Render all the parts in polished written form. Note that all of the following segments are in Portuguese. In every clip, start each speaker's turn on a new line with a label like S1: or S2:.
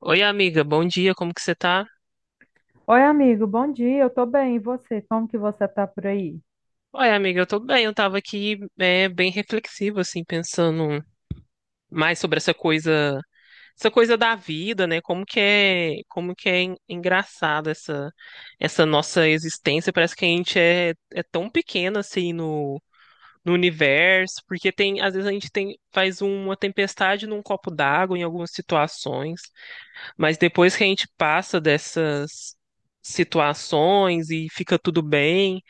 S1: Oi, amiga, bom dia, como que você tá?
S2: Oi, amigo, bom dia, eu tô bem, e você? Como que você tá por aí?
S1: Oi, amiga, eu tô bem, eu tava aqui bem reflexiva assim, pensando mais sobre essa coisa da vida, né? Como que é engraçado essa nossa existência. Parece que a gente é tão pequena assim, no universo, porque tem, às vezes a gente faz uma tempestade num copo d'água em algumas situações. Mas depois que a gente passa dessas situações e fica tudo bem,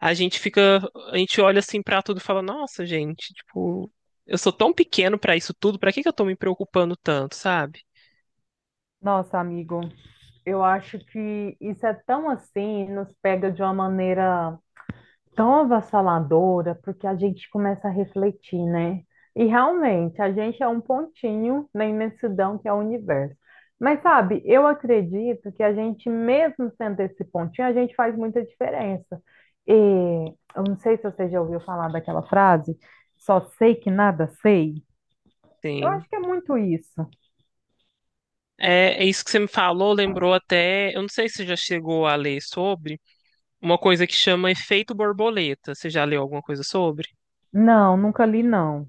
S1: a gente fica, a gente olha assim pra tudo e fala, nossa, gente, tipo, eu sou tão pequeno pra isso tudo, pra que que eu tô me preocupando tanto, sabe?
S2: Nossa, amigo, eu acho que isso é tão assim, nos pega de uma maneira tão avassaladora, porque a gente começa a refletir, né? E realmente, a gente é um pontinho na imensidão que é o universo. Mas sabe, eu acredito que a gente, mesmo sendo esse pontinho, a gente faz muita diferença. E eu não sei se você já ouviu falar daquela frase, só sei que nada sei. Eu
S1: Sim.
S2: acho que é muito isso.
S1: É, é isso que você me falou, lembrou até. Eu não sei se você já chegou a ler sobre uma coisa que chama efeito borboleta. Você já leu alguma coisa sobre?
S2: Não, nunca li, não.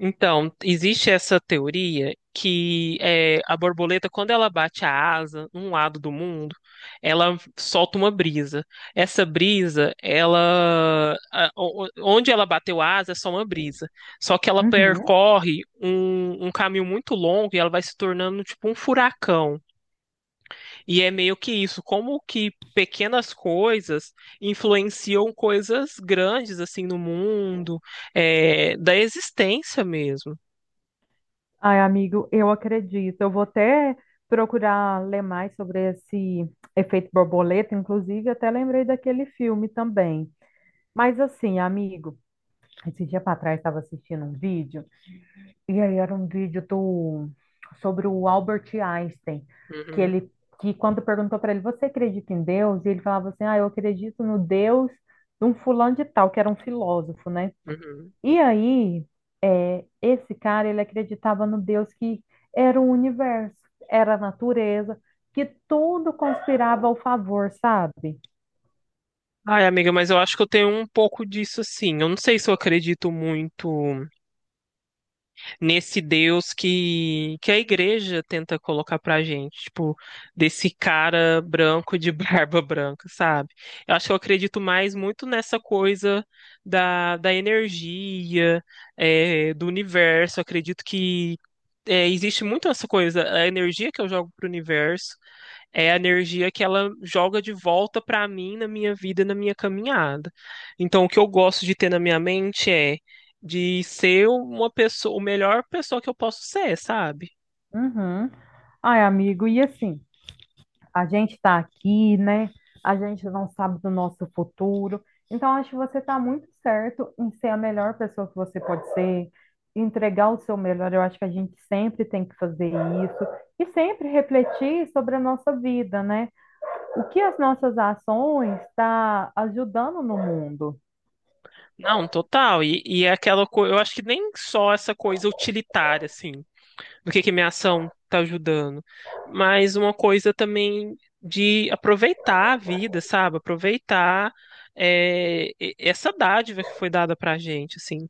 S1: Então, existe essa teoria que é, a borboleta, quando ela bate a asa num lado do mundo, ela solta uma brisa. Essa brisa, ela, onde ela bateu a asa é só uma brisa. Só que ela
S2: Uhum.
S1: percorre um caminho muito longo e ela vai se tornando tipo um furacão. E é meio que isso, como que pequenas coisas influenciam coisas grandes assim no mundo, da existência mesmo.
S2: Ai, amigo, eu acredito. Eu vou até procurar ler mais sobre esse efeito borboleta, inclusive até lembrei daquele filme também. Mas assim, amigo, esse dia para trás estava assistindo um vídeo, e aí era um vídeo do sobre o Albert Einstein, que
S1: Uhum,
S2: ele que quando perguntou para ele, você acredita em Deus? E ele falava assim: "Ah, eu acredito no Deus de um fulano de tal", que era um filósofo, né?
S1: uhum.
S2: E aí, é, esse cara, ele acreditava no Deus que era o universo, era a natureza, que tudo conspirava ao favor, sabe?
S1: Ai, amiga, mas eu acho que eu tenho um pouco disso assim. Eu não sei se eu acredito muito nesse Deus que a igreja tenta colocar pra gente, tipo, desse cara branco de barba branca, sabe? Eu acho que eu acredito mais muito nessa coisa da energia, do universo. Eu acredito que existe muito essa coisa, a energia que eu jogo pro universo, é a energia que ela joga de volta para mim na minha vida, na minha caminhada. Então, o que eu gosto de ter na minha mente é de ser uma pessoa, o melhor pessoa que eu posso ser, sabe?
S2: Uhum. Ai, amigo, e assim, a gente tá aqui, né? A gente não sabe do nosso futuro. Então, acho que você tá muito certo em ser a melhor pessoa que você pode ser, entregar o seu melhor. Eu acho que a gente sempre tem que fazer isso e sempre refletir sobre a nossa vida, né? O que as nossas ações está ajudando no mundo.
S1: Não, total. E é aquela coisa, eu acho que nem só essa coisa utilitária, assim, no que minha ação tá ajudando, mas uma coisa também de aproveitar a vida, sabe? Aproveitar essa dádiva que foi dada pra gente, assim,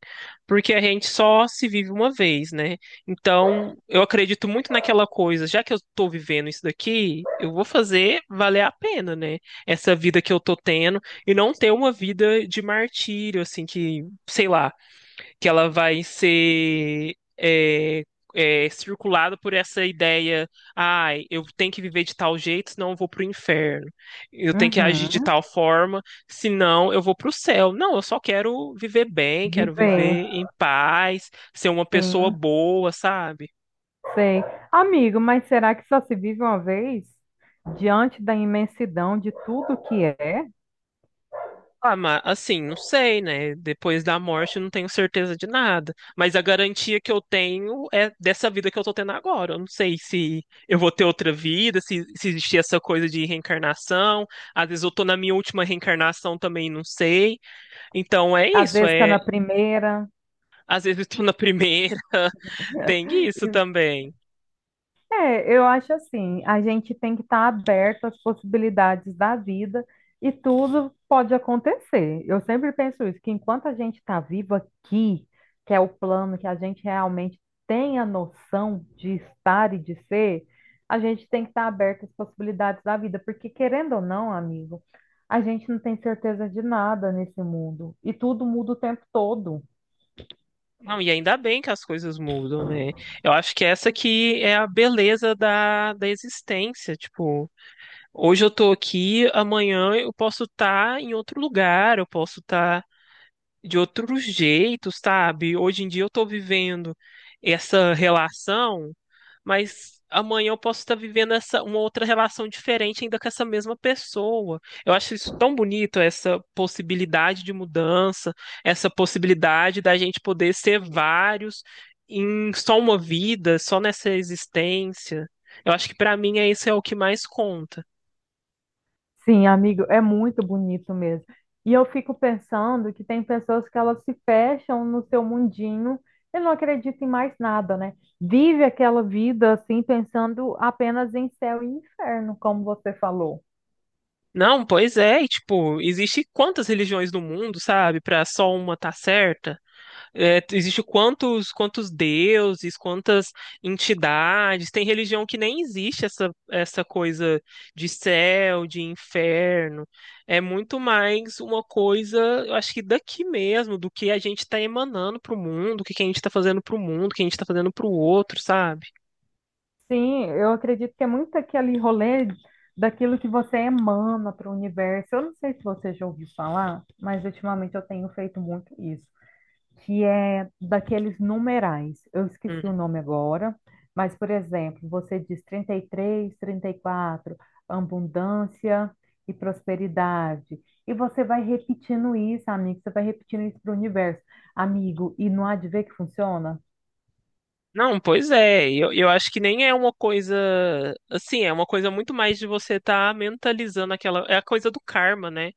S1: porque a gente só se vive uma vez, né? Então, eu acredito muito naquela coisa, já que eu tô vivendo isso daqui, eu vou fazer valer a pena, né? Essa vida que eu tô tendo e não ter uma vida de martírio, assim, que, sei lá, que ela vai ser é, circulada por essa ideia, ai, eu tenho que viver de tal jeito, senão eu vou pro inferno. Eu tenho que agir de
S2: Uhum.
S1: tal forma, senão eu vou pro céu. Não, eu só quero viver bem, quero
S2: Viver,
S1: viver em paz, ser uma pessoa
S2: sim,
S1: boa, sabe?
S2: sei. Amigo, mas será que só se vive uma vez? Diante da imensidão de tudo que é.
S1: Ah, mas assim, não sei, né? Depois da morte eu não tenho certeza de nada. Mas a garantia que eu tenho é dessa vida que eu tô tendo agora. Eu não sei se eu vou ter outra vida, se existir essa coisa de reencarnação. Às vezes eu tô na minha última reencarnação também, não sei. Então é
S2: Às
S1: isso,
S2: vezes está
S1: é.
S2: na primeira.
S1: Às vezes eu tô na primeira, tem isso também.
S2: É, eu acho assim, a gente tem que estar aberto às possibilidades da vida e tudo pode acontecer. Eu sempre penso isso, que enquanto a gente está vivo aqui, que é o plano que a gente realmente tem a noção de estar e de ser, a gente tem que estar aberto às possibilidades da vida, porque querendo ou não, amigo, a gente não tem certeza de nada nesse mundo e tudo muda o tempo todo.
S1: Não, e ainda bem que as coisas mudam, né? Eu acho que essa aqui é a beleza da existência, tipo. Hoje eu tô aqui, amanhã eu posso estar em outro lugar, eu posso estar de outro jeito, sabe? Hoje em dia eu tô vivendo essa relação, mas amanhã eu posso estar vivendo essa uma outra relação diferente ainda com essa mesma pessoa. Eu acho isso tão bonito, essa possibilidade de mudança, essa possibilidade da gente poder ser vários em só uma vida, só nessa existência. Eu acho que pra mim é isso é o que mais conta.
S2: Sim, amigo, é muito bonito mesmo. E eu fico pensando que tem pessoas que elas se fecham no seu mundinho e não acreditam em mais nada, né? Vive aquela vida assim, pensando apenas em céu e inferno, como você falou.
S1: Não, pois é, e, tipo, existe quantas religiões no mundo, sabe? Pra só uma tá certa? É, existe quantos deuses, quantas entidades? Tem religião que nem existe essa coisa de céu, de inferno. É muito mais uma coisa, eu acho que daqui mesmo, do que a gente tá emanando pro mundo, o que que a gente tá fazendo pro mundo, o que a gente tá fazendo pro outro, sabe?
S2: Sim, eu acredito que é muito aquele rolê daquilo que você emana para o universo. Eu não sei se você já ouviu falar, mas ultimamente eu tenho feito muito isso. que é daqueles numerais. Eu esqueci o nome agora, mas, por exemplo, você diz trinta e três, 34, abundância e prosperidade. E você vai repetindo isso, amigo, você vai repetindo isso para o universo. Amigo, e não há de ver que funciona?
S1: Não, pois é. Eu acho que nem é uma coisa assim, é uma coisa muito mais de você estar mentalizando aquela. É a coisa do karma, né?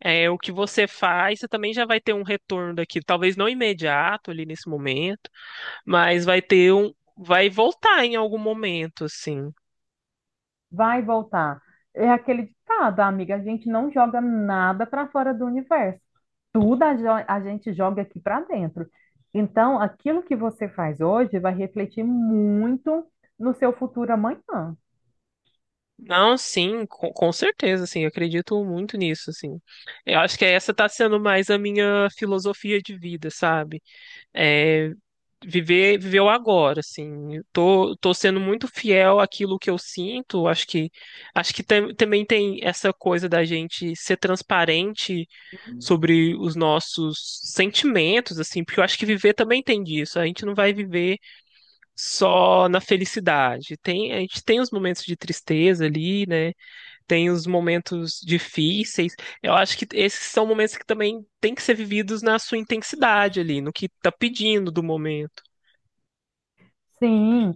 S1: É o que você faz, você também já vai ter um retorno daquilo. Talvez não imediato ali nesse momento, mas vai ter um. Vai voltar em algum momento, assim.
S2: Vai voltar. É aquele ditado, amiga, a gente não joga nada para fora do universo. A gente joga aqui para dentro. Então, aquilo que você faz hoje vai refletir muito no seu futuro amanhã.
S1: Não, sim, com certeza, assim, eu acredito muito nisso, assim. Eu acho que essa tá sendo mais a minha filosofia de vida, sabe? É, viver o agora, assim. Eu tô sendo muito fiel àquilo que eu sinto. Acho que também tem essa coisa da gente ser transparente sobre os nossos sentimentos, assim, porque eu acho que viver também tem disso. A gente não vai viver só na felicidade. Tem, a gente tem os momentos de tristeza ali, né? Tem os momentos difíceis. Eu acho que esses são momentos que também têm que ser vividos na sua intensidade ali, no que tá pedindo do momento.
S2: Sim,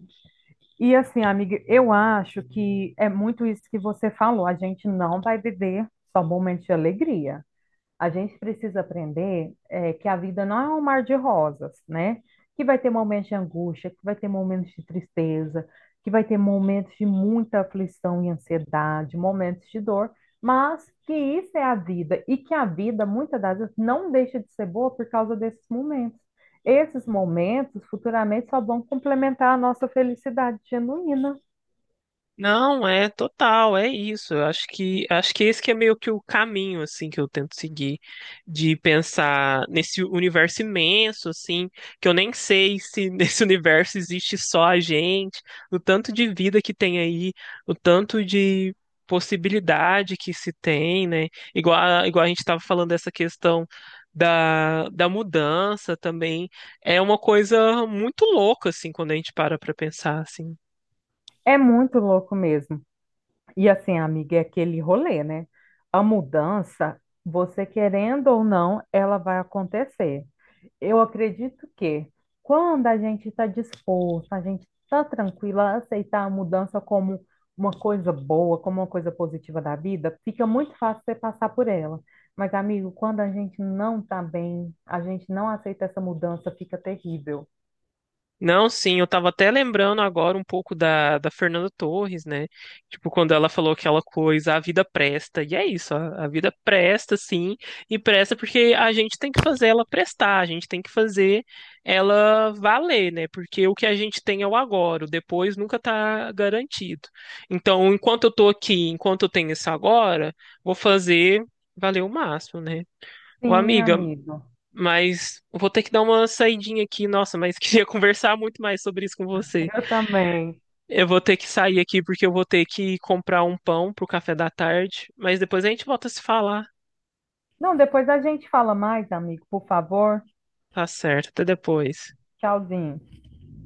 S2: e assim, amiga, eu acho que é muito isso que você falou. A gente não vai viver só momentos de alegria. A gente precisa aprender é, que a vida não é um mar de rosas, né? Que vai ter momentos de angústia, que vai ter momentos de tristeza, que vai ter momentos de muita aflição e ansiedade, momentos de dor, mas que isso é a vida e que a vida, muitas das vezes, não deixa de ser boa por causa desses momentos. Esses momentos futuramente só vão complementar a nossa felicidade genuína.
S1: Não, é total, é isso. Eu acho que esse que é meio que o caminho assim que eu tento seguir de pensar nesse universo imenso assim, que eu nem sei se nesse universo existe só a gente, o tanto de vida que tem aí, o tanto de possibilidade que se tem, né? Igual a gente estava falando dessa questão da mudança também, é uma coisa muito louca assim quando a gente para para pensar assim.
S2: É muito louco mesmo. E assim, amiga, é aquele rolê, né? A mudança, você querendo ou não, ela vai acontecer. Eu acredito que quando a gente está disposto, a gente está tranquila a aceitar a mudança como uma coisa boa, como uma coisa positiva da vida, fica muito fácil você passar por ela. Mas, amigo, quando a gente não está bem, a gente não aceita essa mudança, fica terrível.
S1: Não, sim, eu tava até lembrando agora um pouco da Fernanda Torres, né? Tipo, quando ela falou aquela coisa, a vida presta. E é isso, a vida presta, sim, e presta porque a gente tem que fazer ela prestar, a gente tem que fazer ela valer, né? Porque o que a gente tem é o agora, o depois nunca tá garantido. Então, enquanto eu tô aqui, enquanto eu tenho esse agora, vou fazer valer o máximo, né? Ô,
S2: Sim,
S1: amiga,
S2: amigo,
S1: mas eu vou ter que dar uma saidinha aqui, nossa, mas queria conversar muito mais sobre isso com você.
S2: eu também.
S1: Eu vou ter que sair aqui porque eu vou ter que comprar um pão pro café da tarde, mas depois a gente volta a se falar.
S2: Não, depois a gente fala mais, amigo, por favor.
S1: Tá certo, até depois.
S2: Tchauzinho.